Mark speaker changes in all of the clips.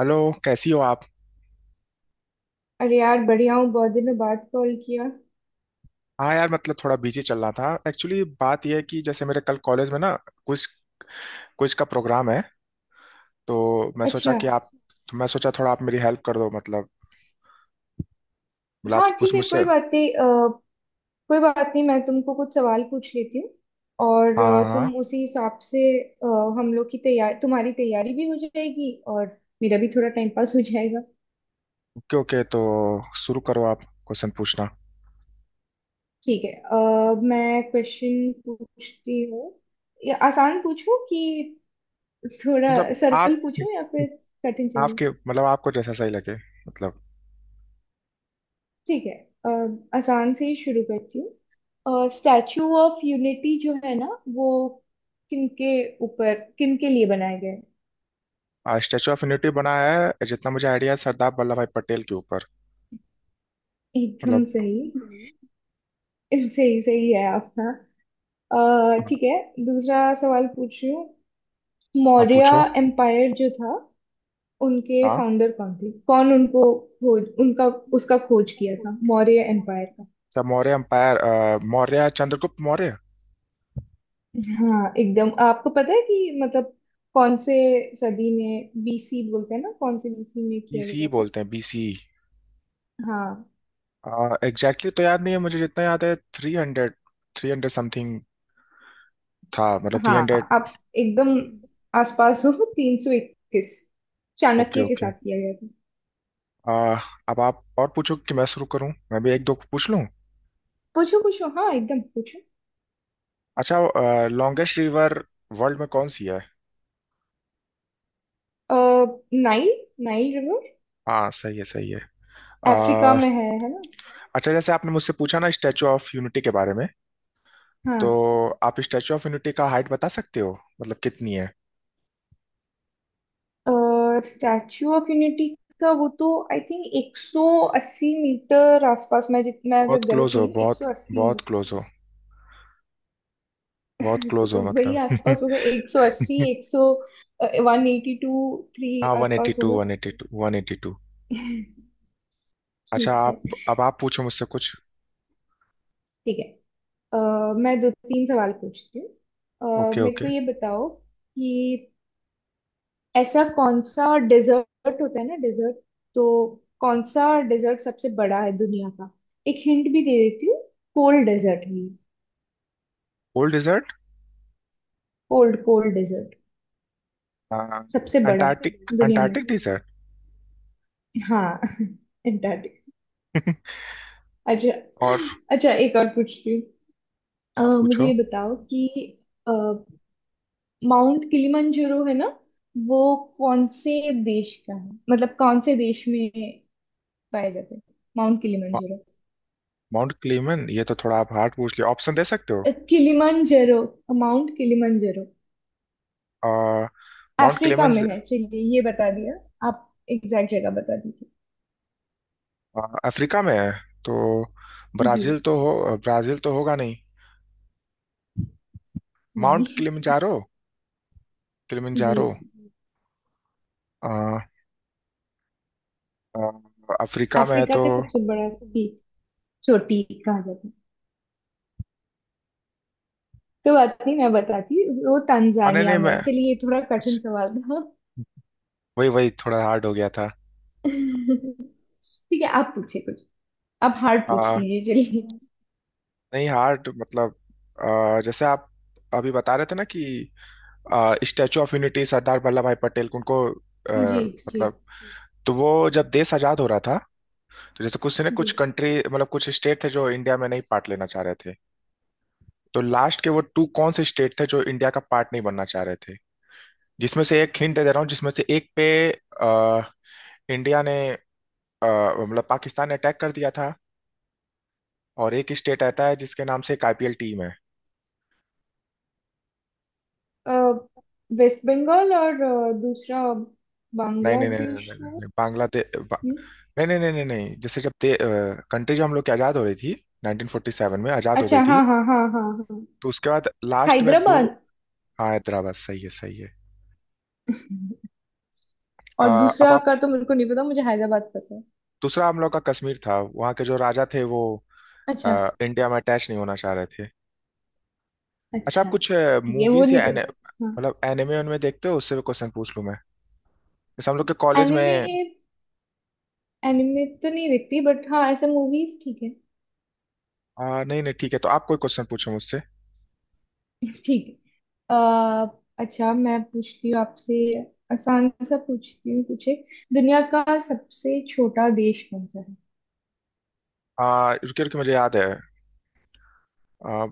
Speaker 1: Hello. कैसी हो आप?
Speaker 2: अरे यार बढ़िया हूँ। बहुत दिनों बाद कॉल किया।
Speaker 1: हाँ यार, मतलब थोड़ा बिजी चल रहा था। एक्चुअली बात यह है कि जैसे मेरे कल कॉलेज में ना कुछ कुछ का प्रोग्राम है, तो मैं सोचा
Speaker 2: अच्छा।
Speaker 1: कि आप, तो मैं सोचा थोड़ा आप मेरी हेल्प कर दो। मतलब आप
Speaker 2: हाँ
Speaker 1: कुछ
Speaker 2: ठीक है
Speaker 1: मुझसे।
Speaker 2: कोई बात नहीं। मैं तुमको कुछ सवाल पूछ लेती हूँ और
Speaker 1: हाँ
Speaker 2: तुम
Speaker 1: हाँ।
Speaker 2: उसी हिसाब से अ, हम लोग की तैयार तुम्हारी तैयारी भी हो जाएगी और मेरा भी थोड़ा टाइम पास हो जाएगा।
Speaker 1: ओके ओके, तो शुरू करो, आप क्वेश्चन पूछना।
Speaker 2: ठीक है। मैं क्वेश्चन पूछती हूँ, या आसान पूछूं कि थोड़ा
Speaker 1: मतलब
Speaker 2: सरल
Speaker 1: आप,
Speaker 2: पूछूं या फिर कठिन चलेगा।
Speaker 1: आपके मतलब आपको जैसा सही लगे, मतलब।
Speaker 2: ठीक है। अ, आसान से ही शुरू करती हूँ। स्टैचू ऑफ यूनिटी जो है ना, वो किनके किनके लिए बनाया गया है।
Speaker 1: स्टैचू ऑफ यूनिटी बना है, जितना मुझे आइडिया है, सरदार वल्लभ भाई पटेल के ऊपर।
Speaker 2: एकदम
Speaker 1: मतलब
Speaker 2: सही। सही सही है आपका।
Speaker 1: हाँ,
Speaker 2: ठीक है। दूसरा सवाल पूछ रही हूँ।
Speaker 1: आप
Speaker 2: मौर्य
Speaker 1: पूछो।
Speaker 2: एम्पायर जो था, उनके
Speaker 1: हाँ,
Speaker 2: फाउंडर कौन थे, कौन उनको खोज उनका उसका खोज किया था मौर्य एम्पायर का।
Speaker 1: क्या मौर्य एम्पायर, मौर्य चंद्रगुप्त मौर्य।
Speaker 2: हाँ एकदम। आपको पता है कि मतलब कौन से सदी में, बीसी बोलते हैं ना, कौन से बीसी में किया
Speaker 1: बीसी
Speaker 2: गया था।
Speaker 1: बोलते हैं बीसी।
Speaker 2: हाँ
Speaker 1: एग्जैक्टली तो याद नहीं है मुझे, जितना याद है three hundred, three hundred something था। मतलब थ्री
Speaker 2: हाँ,
Speaker 1: हंड्रेड।
Speaker 2: आप एकदम आसपास हो। 321
Speaker 1: ओके
Speaker 2: चाणक्य के
Speaker 1: ओके।
Speaker 2: साथ किया गया था।
Speaker 1: अब आप और पूछो कि मैं शुरू करूं, मैं भी एक दो पूछ लूं।
Speaker 2: पूछो पूछो, हाँ एकदम पूछो।
Speaker 1: अच्छा, लॉन्गेस्ट रिवर वर्ल्ड में कौन सी है?
Speaker 2: अ, नाइल। Nile river.
Speaker 1: हाँ सही है, सही है।
Speaker 2: अफ्रीका
Speaker 1: आ,
Speaker 2: में है ना।
Speaker 1: अच्छा, जैसे आपने मुझसे पूछा ना स्टैचू ऑफ यूनिटी के बारे में,
Speaker 2: हाँ,
Speaker 1: तो आप स्टैचू ऑफ यूनिटी का हाइट बता सकते हो मतलब कितनी है?
Speaker 2: स्टैचू ऑफ यूनिटी का वो तो आई थिंक 180 मीटर आसपास, मैं
Speaker 1: बहुत
Speaker 2: अगर गलत
Speaker 1: क्लोज हो,
Speaker 2: नहीं हूँ
Speaker 1: बहुत
Speaker 2: 180
Speaker 1: बहुत क्लोज हो। बहुत
Speaker 2: मीटर,
Speaker 1: क्लोज हो
Speaker 2: तो वही आसपास
Speaker 1: मतलब।
Speaker 2: होगा 180, 100, 182, 3
Speaker 1: हाँ, वन एटी
Speaker 2: आसपास
Speaker 1: टू,
Speaker 2: होगा।
Speaker 1: One eighty two, one eighty to. अच्छा
Speaker 2: ठीक
Speaker 1: आप,
Speaker 2: है
Speaker 1: अब आप पूछो मुझसे कुछ।
Speaker 2: ठीक है। अ, मैं दो तीन सवाल पूछती हूँ।
Speaker 1: ओके
Speaker 2: मेरे
Speaker 1: ओके।
Speaker 2: को ये बताओ कि ऐसा कौन सा डेजर्ट होता है ना, डेजर्ट। तो कौन सा डेजर्ट सबसे बड़ा है दुनिया का। एक हिंट भी दे देती हूँ, कोल्ड डेजर्ट है।
Speaker 1: Cold desert.
Speaker 2: Cold cold desert, सबसे बड़ा
Speaker 1: अंटार्कटिक,
Speaker 2: दुनिया में।
Speaker 1: Antarctic desert.
Speaker 2: हाँ। अंटार्कटिक। अच्छा।
Speaker 1: और
Speaker 2: अच्छा, एक और पूछती हूँ।
Speaker 1: आप
Speaker 2: मुझे
Speaker 1: पूछो।
Speaker 2: ये बताओ कि माउंट किलिमंजारो है ना, वो कौन से देश का है, मतलब कौन से देश में पाया जाता है माउंट
Speaker 1: मा-
Speaker 2: किलिमंजारो।
Speaker 1: माउंट क्लेमन, ये तो थोड़ा आप हार्ड पूछ लिया, ऑप्शन दे सकते हो?
Speaker 2: अ, किलिमंजारो माउंट किलिमंजारो
Speaker 1: अ, माउंट
Speaker 2: अफ्रीका
Speaker 1: क्लेमन
Speaker 2: में है, चलिए ये बता दिया। आप एग्जैक्ट जगह बता दीजिए।
Speaker 1: अफ्रीका में है तो,
Speaker 2: जी
Speaker 1: ब्राजील तो हो, ब्राजील तो होगा नहीं।
Speaker 2: नहीं।
Speaker 1: माउंट किलिमंजारो,
Speaker 2: जी,
Speaker 1: किलिमंजारो। अ, अ, अफ्रीका में है
Speaker 2: अफ्रीका
Speaker 1: तो।
Speaker 2: के सबसे बड़ा की चोटी कहा जाता है, तो बात नहीं, मैं बताती, वो
Speaker 1: नहीं
Speaker 2: तंजानिया
Speaker 1: नहीं
Speaker 2: में
Speaker 1: मैं,
Speaker 2: है। चलिए, ये थोड़ा कठिन
Speaker 1: अच्छा,
Speaker 2: सवाल था।
Speaker 1: वही वही थोड़ा हार्ड हो गया
Speaker 2: ठीक है, आप पूछे कुछ। आप हार्ड पूछ
Speaker 1: था।
Speaker 2: लीजिए, चलिए।
Speaker 1: नहीं हार्ड मतलब, जैसे आप अभी बता रहे थे ना कि statue of Unity Sardar Vallabhbhai Patel को उनको
Speaker 2: जी जी
Speaker 1: मतलब, तो वो जब देश आजाद हो रहा था, तो जैसे कुछ ने
Speaker 2: जी।
Speaker 1: कुछ कंट्री मतलब कुछ स्टेट थे जो इंडिया में नहीं पार्ट लेना चाह रहे थे। तो लास्ट के वो टू कौन से स्टेट थे जो इंडिया का पार्ट नहीं बनना चाह रहे थे? जिसमें से एक हिंट दे दे रहा हूँ, जिसमें से एक पे अ, इंडिया ने अ, मतलब पाकिस्तान ने अटैक कर दिया था, और एक स्टेट आता है जिसके नाम से एक आईपीएल टीम है।
Speaker 2: अ, वेस्ट बंगाल, और दूसरा
Speaker 1: नहीं नहीं नहीं नहीं नहीं
Speaker 2: बांग्लादेश
Speaker 1: नहीं
Speaker 2: है।
Speaker 1: नहीं, बांग्लादेश बा,
Speaker 2: हम्म,
Speaker 1: नहीं नहीं नहीं नहीं नहीं, जैसे जब ते कंट्री जो हम लोग की आज़ाद हो रही थी, 1947 में आज़ाद हो गई
Speaker 2: अच्छा।
Speaker 1: थी।
Speaker 2: हाँ हाँ हाँ हाँ हाँ।
Speaker 1: तो उसके बाद लास्ट में दो।
Speaker 2: हैदराबाद।
Speaker 1: हाँ हैदराबाद, सही है सही है। अ,
Speaker 2: और
Speaker 1: अब
Speaker 2: दूसरा
Speaker 1: आप,
Speaker 2: का तो मेरे को नहीं पता, मुझे हैदराबाद पता है।
Speaker 1: दूसरा हम लोग का कश्मीर था, वहाँ के जो राजा थे वो
Speaker 2: अच्छा।
Speaker 1: इंडिया में अटैच नहीं होना चाह रहे थे। अच्छा, आप
Speaker 2: अच्छा।
Speaker 1: कुछ
Speaker 2: ठीक है, वो
Speaker 1: मूवीज
Speaker 2: नहीं
Speaker 1: या
Speaker 2: पता। हाँ
Speaker 1: मतलब एनिमे उनमें देखते हो, उससे भी क्वेश्चन पूछ लूँ मैं? जैसे हम लोग के कॉलेज
Speaker 2: एनिमे।
Speaker 1: में,
Speaker 2: एनिमे तो नहीं देखती, बट हाँ ऐसे मूवीज ठीक है।
Speaker 1: नहीं नहीं, ठीक है, तो आप कोई क्वेश्चन पूछो मुझसे।
Speaker 2: ठीक है। अह, अच्छा, मैं पूछती हूँ आपसे। आसान सा पूछती हूँ कुछ एक। दुनिया का सबसे छोटा देश कौन सा है।
Speaker 1: अ, रुकिए रुकिए, मुझे याद है। अ,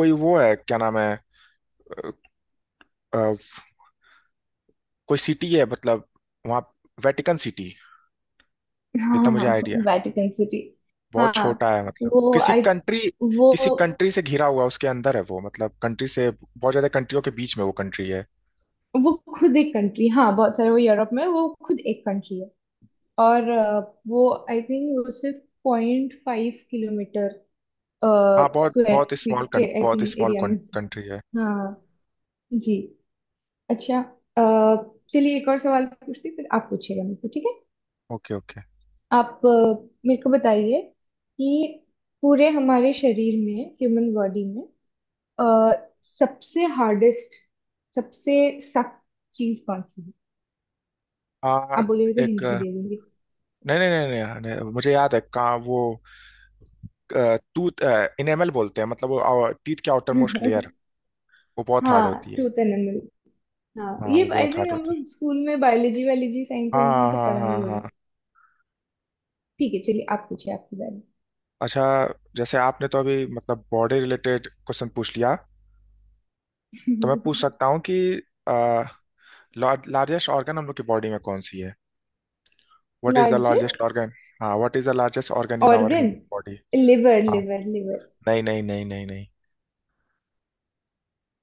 Speaker 1: कोई वो है, क्या नाम है? कोई सिटी है मतलब, वहाँ, वेटिकन सिटी। जितना मुझे
Speaker 2: हाँ
Speaker 1: आइडिया है,
Speaker 2: वेटिकन सिटी।
Speaker 1: बहुत
Speaker 2: हाँ।
Speaker 1: छोटा है मतलब,
Speaker 2: वो
Speaker 1: किसी
Speaker 2: आई
Speaker 1: कंट्री,
Speaker 2: वो
Speaker 1: किसी कंट्री से घिरा हुआ उसके अंदर है वो, मतलब कंट्री से बहुत ज्यादा कंट्रियों के बीच में वो कंट्री है।
Speaker 2: वो खुद एक कंट्री। हाँ बहुत सारे, वो यूरोप में, वो खुद एक कंट्री है। और वो आई थिंक वो सिर्फ 0.5 किलोमीटर
Speaker 1: हाँ बहुत,
Speaker 2: स्क्वायर
Speaker 1: बहुत
Speaker 2: फीट
Speaker 1: स्मॉल।
Speaker 2: के आई
Speaker 1: बहुत
Speaker 2: थिंक
Speaker 1: स्मॉल
Speaker 2: एरिया में थी।
Speaker 1: कंट्री है।
Speaker 2: हाँ। जी। अच्छा। अ, चलिए एक और सवाल पूछती हूँ, फिर आप पूछिएगा मेरे को, ठीक है।
Speaker 1: Okay okay.
Speaker 2: आप मेरे को बताइए कि पूरे हमारे शरीर में, ह्यूमन बॉडी में, अ, सबसे हार्डेस्ट, सबसे सख्त चीज कौन सी है।
Speaker 1: आ,
Speaker 2: आप बोलिए तो
Speaker 1: एक
Speaker 2: हिंट भी दे दूंगी।
Speaker 1: नहीं नहीं नहीं नहीं, नहीं, मुझे याद है कहाँ वो। टूथ इनेमल बोलते हैं मतलब, वो टीथ के आउटर मोस्ट लेयर, वो बहुत हार्ड होती
Speaker 2: हाँ,
Speaker 1: है।
Speaker 2: Truth and enamel. हाँ
Speaker 1: हाँ
Speaker 2: ये
Speaker 1: वो
Speaker 2: आई
Speaker 1: बहुत हार्ड
Speaker 2: थिंक हम
Speaker 1: होती है।
Speaker 2: लोग स्कूल में बायोलॉजी वायोलॉजी, साइंस वाइंस में
Speaker 1: हाँ
Speaker 2: तो
Speaker 1: हाँ
Speaker 2: पढ़ा
Speaker 1: हाँ
Speaker 2: ही होगा।
Speaker 1: हाँ।
Speaker 2: ठीक है, चलिए आप पूछिए आपके बारे
Speaker 1: अच्छा, जैसे आपने तो अभी मतलब बॉडी रिलेटेड क्वेश्चन पूछ लिया, तो मैं पूछ
Speaker 2: में।
Speaker 1: सकता हूँ कि लार्जेस्ट ऑर्गन हम लोग की बॉडी में कौन सी है? What is the largest
Speaker 2: largest
Speaker 1: organ? हाँ what is the largest organ in our
Speaker 2: organ?
Speaker 1: Body?
Speaker 2: Liver
Speaker 1: हाँ।
Speaker 2: Liver liver.
Speaker 1: नहीं नहीं नहीं नहीं नहीं।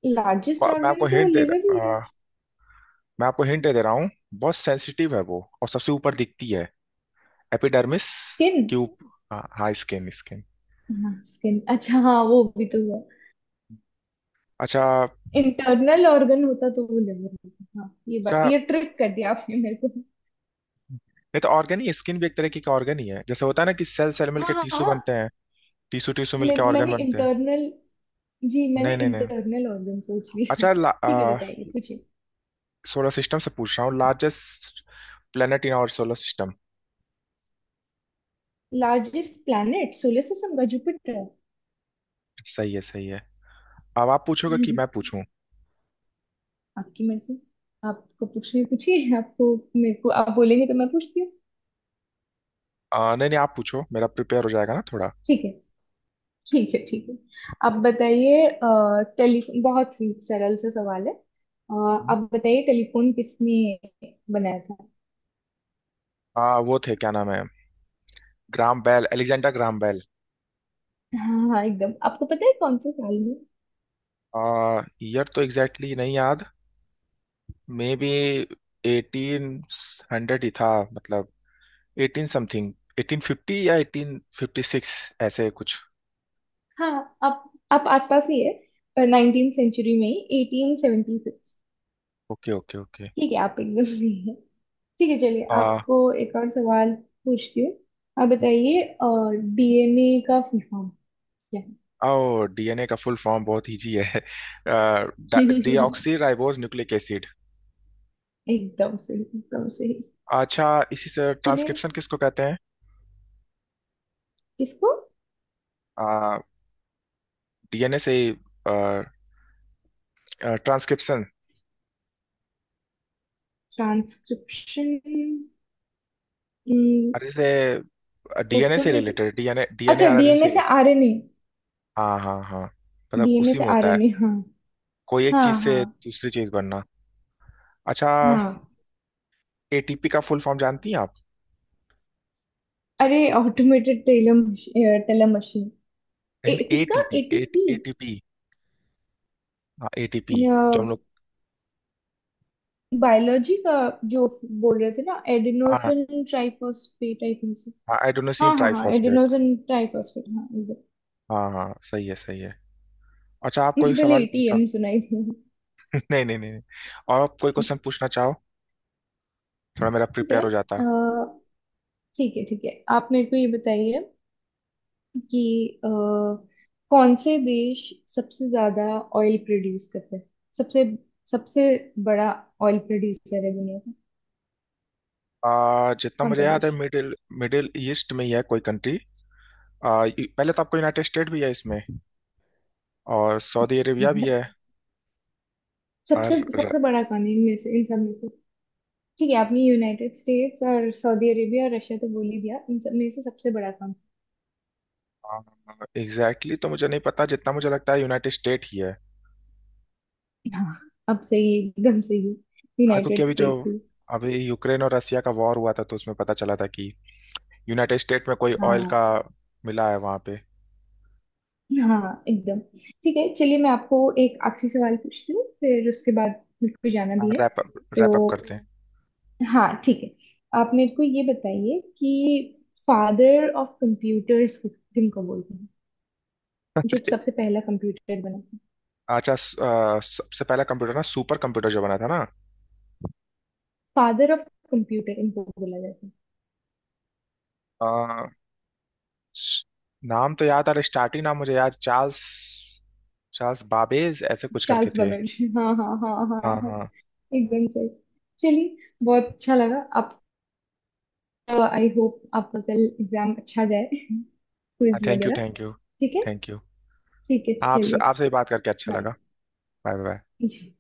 Speaker 2: लार्जेस्ट
Speaker 1: मैं आपको
Speaker 2: ऑर्गन तो
Speaker 1: हिंट दे
Speaker 2: लिवर ही
Speaker 1: रहा
Speaker 2: है।
Speaker 1: मैं आपको हिंट दे रहा हूँ, बहुत सेंसिटिव है वो और सबसे ऊपर दिखती है, एपिडर्मिस
Speaker 2: स्किन।
Speaker 1: की ऊप, हाँ हाँ स्किन स्किन।
Speaker 2: हाँ स्किन, अच्छा हाँ वो भी तो हुआ।
Speaker 1: अच्छा।
Speaker 2: इंटरनल ऑर्गन होता तो वो लिवर होता। हाँ ये बात,
Speaker 1: अच्छा
Speaker 2: ये ट्रिक कर दिया आपने मेरे को।
Speaker 1: नहीं, तो ऑर्गन ही, स्किन भी एक तरह की ऑर्गन ही है। जैसे होता है ना कि सेल सेल मिलकर
Speaker 2: हाँ हाँ
Speaker 1: टिश्यू
Speaker 2: हाँ,
Speaker 1: बनते हैं, टीसू टीसू मिलके
Speaker 2: मेरे
Speaker 1: ऑर्गन
Speaker 2: मैंने
Speaker 1: बनते हैं।
Speaker 2: इंटरनल जी, मैंने
Speaker 1: नहीं नहीं नहीं।
Speaker 2: इंटरनल ऑर्गन सोच लिया।
Speaker 1: अच्छा
Speaker 2: ठीक है, बताइए, पूछिए।
Speaker 1: सोलर सिस्टम से पूछ रहा हूँ, largest planet in our solar system?
Speaker 2: Largest planet solar system का जुपिटर।
Speaker 1: सही है, सही है। अब आप पूछोगे कि मैं पूछूं?
Speaker 2: आपकी मर्जी। आपको पूछिए, पूछिए आपको। मेरे को आप बोलेंगे तो मैं पूछती हूँ।
Speaker 1: नहीं नहीं, आप पूछो, मेरा प्रिपेयर हो जाएगा ना थोड़ा।
Speaker 2: ठीक है ठीक है ठीक है। आप बताइए टेलीफोन, बहुत ही सरल सा सवाल है। आप बताइए टेलीफोन किसने बनाया था।
Speaker 1: वो थे क्या नाम है, Graham Bell, Alexander Graham Bell.
Speaker 2: हाँ हाँ एकदम। आपको पता है कौन से साल में?
Speaker 1: आ, ईयर तो एग्जैक्टली exactly नहीं याद, मे बी एटीन हंड्रेड ही था, मतलब एटीन समथिंग, एटीन फिफ्टी या एटीन फिफ्टी सिक्स, ऐसे कुछ।
Speaker 2: हाँ आप आप आसपास ही है, नाइनटीन सेंचुरी में ही, 1876।
Speaker 1: Okay okay okay.
Speaker 2: ठीक है आप एकदम सही है। ठीक है चलिए, आपको एक और सवाल पूछती हूँ। आप बताइए डीएनए का फुल फॉर्म क्या है।
Speaker 1: ओ, डीएनए का फुल फॉर्म बहुत इजी है, डीऑक्सी राइबोज न्यूक्लिक एसिड।
Speaker 2: एकदम सही एकदम सही।
Speaker 1: अच्छा, इसी से
Speaker 2: चलिए
Speaker 1: ट्रांसक्रिप्शन किसको कहते हैं?
Speaker 2: इसको,
Speaker 1: डीएनए से ट्रांसक्रिप्शन।
Speaker 2: ट्रांसक्रिप्शन?
Speaker 1: अरे से,
Speaker 2: वो
Speaker 1: डीएनए
Speaker 2: तो
Speaker 1: से
Speaker 2: नहीं।
Speaker 1: रिलेटेड, डीएनए डीएनए
Speaker 2: अच्छा,
Speaker 1: आरएनए से
Speaker 2: डीएनए से
Speaker 1: रिलेटेड।
Speaker 2: आरएनए।
Speaker 1: हाँ हाँ हाँ, मतलब
Speaker 2: डीएनए
Speaker 1: उसी
Speaker 2: से
Speaker 1: में होता है,
Speaker 2: आरएनए, हाँ।
Speaker 1: कोई एक
Speaker 2: हाँ
Speaker 1: चीज से
Speaker 2: हाँ
Speaker 1: दूसरी चीज बनना। अच्छा,
Speaker 2: हाँ।
Speaker 1: एटीपी का फुल फॉर्म जानती हैं आप?
Speaker 2: अरे, ऑटोमेटेड टेलर टेलर मशीन।
Speaker 1: नहीं
Speaker 2: किसका
Speaker 1: एटीपी,
Speaker 2: एटीपी?
Speaker 1: एटीपी, हाँ एटीपी, जो हम लोग।
Speaker 2: बायोलॉजी का जो बोल रहे थे ना,
Speaker 1: हाँ
Speaker 2: adenosine triphosphate I think so.
Speaker 1: हाँ, आइडोनोसिन
Speaker 2: हाँ हाँ हाँ,
Speaker 1: ट्राइफॉस्फेट।
Speaker 2: Adenosine triphosphate. हाँ, इधर
Speaker 1: हाँ हाँ, सही है सही है। अच्छा, आप
Speaker 2: मुझे
Speaker 1: कोई
Speaker 2: पहले
Speaker 1: सवाल पूछा।
Speaker 2: एटीएम सुनाई थी।
Speaker 1: नहीं नहीं नहीं नहीं। और आप कोई क्वेश्चन पूछना चाहो, थोड़ा मेरा
Speaker 2: ठीक
Speaker 1: प्रिपेयर
Speaker 2: है।
Speaker 1: हो
Speaker 2: अ,
Speaker 1: जाता।
Speaker 2: ठीक है ठीक है। आप मेरे को ये बताइए कि कौन से देश सबसे ज्यादा ऑयल प्रोड्यूस करते हैं। सबसे सबसे बड़ा ऑयल प्रोड्यूसर है दुनिया का,
Speaker 1: जितना
Speaker 2: कौन
Speaker 1: मुझे
Speaker 2: सा
Speaker 1: याद है,
Speaker 2: देश।
Speaker 1: मिडिल, मिडिल ईस्ट में ही है कोई कंट्री। ये- पहले तो आपको यूनाइटेड स्टेट भी है इसमें, और सऊदी अरेबिया भी है। और
Speaker 2: सबसे सबसे बड़ा कौन है इनमें से इन सब में से। ठीक है, आपने यूनाइटेड स्टेट्स और सऊदी अरेबिया और रशिया तो बोल ही दिया, इन सब में से सबसे बड़ा कौन
Speaker 1: एग्जैक्टली exactly तो मुझे नहीं पता, जितना मुझे लगता है यूनाइटेड स्टेट ही है।
Speaker 2: सा। हाँ अब सही एकदम सही,
Speaker 1: हाँ, क्योंकि
Speaker 2: यूनाइटेड
Speaker 1: अभी जो
Speaker 2: स्टेट्स ही।
Speaker 1: अभी यूक्रेन और रसिया का वॉर हुआ था, तो उसमें पता चला था कि यूनाइटेड स्टेट में कोई ऑयल का
Speaker 2: हाँ
Speaker 1: मिला है वहां पे।
Speaker 2: हाँ एकदम। ठीक है चलिए, मैं आपको एक आखिरी सवाल पूछती हूँ, फिर उसके बाद मेरे को जाना
Speaker 1: हाँ,
Speaker 2: भी है
Speaker 1: रैप अप,
Speaker 2: तो।
Speaker 1: रैप अप करते हैं।
Speaker 2: हाँ ठीक है। आप मेरे को ये बताइए कि फादर ऑफ कंप्यूटर्स किनको बोलते हैं, जो सबसे पहला कंप्यूटर बना था।
Speaker 1: अच्छा सबसे पहला कंप्यूटर ना, सुपर कंप्यूटर जो बना था ना,
Speaker 2: फादर ऑफ कंप्यूटर इनको बोला जाता है।
Speaker 1: अ, स- नाम तो याद आ रहा, स्टार्टिंग नाम मुझे याद, चार्ल्स, चार्ल्स बाबेज, ऐसे कुछ करके
Speaker 2: चार्ल्स
Speaker 1: थे।
Speaker 2: बेबेज, हाँ हाँ हाँ हाँ
Speaker 1: हाँ
Speaker 2: हाँ
Speaker 1: हाँ।
Speaker 2: एकदम सही। चलिए, बहुत अच्छा लगा आप। आई होप आपका कल एग्जाम अच्छा जाए, क्विज
Speaker 1: थैंक यू,
Speaker 2: वगैरह।
Speaker 1: Thank you.
Speaker 2: ठीक है।
Speaker 1: Thank you.
Speaker 2: ठीक है
Speaker 1: आपसे,
Speaker 2: चलिए,
Speaker 1: आपसे भी बात करके अच्छा लगा। Bye bye.
Speaker 2: बाय।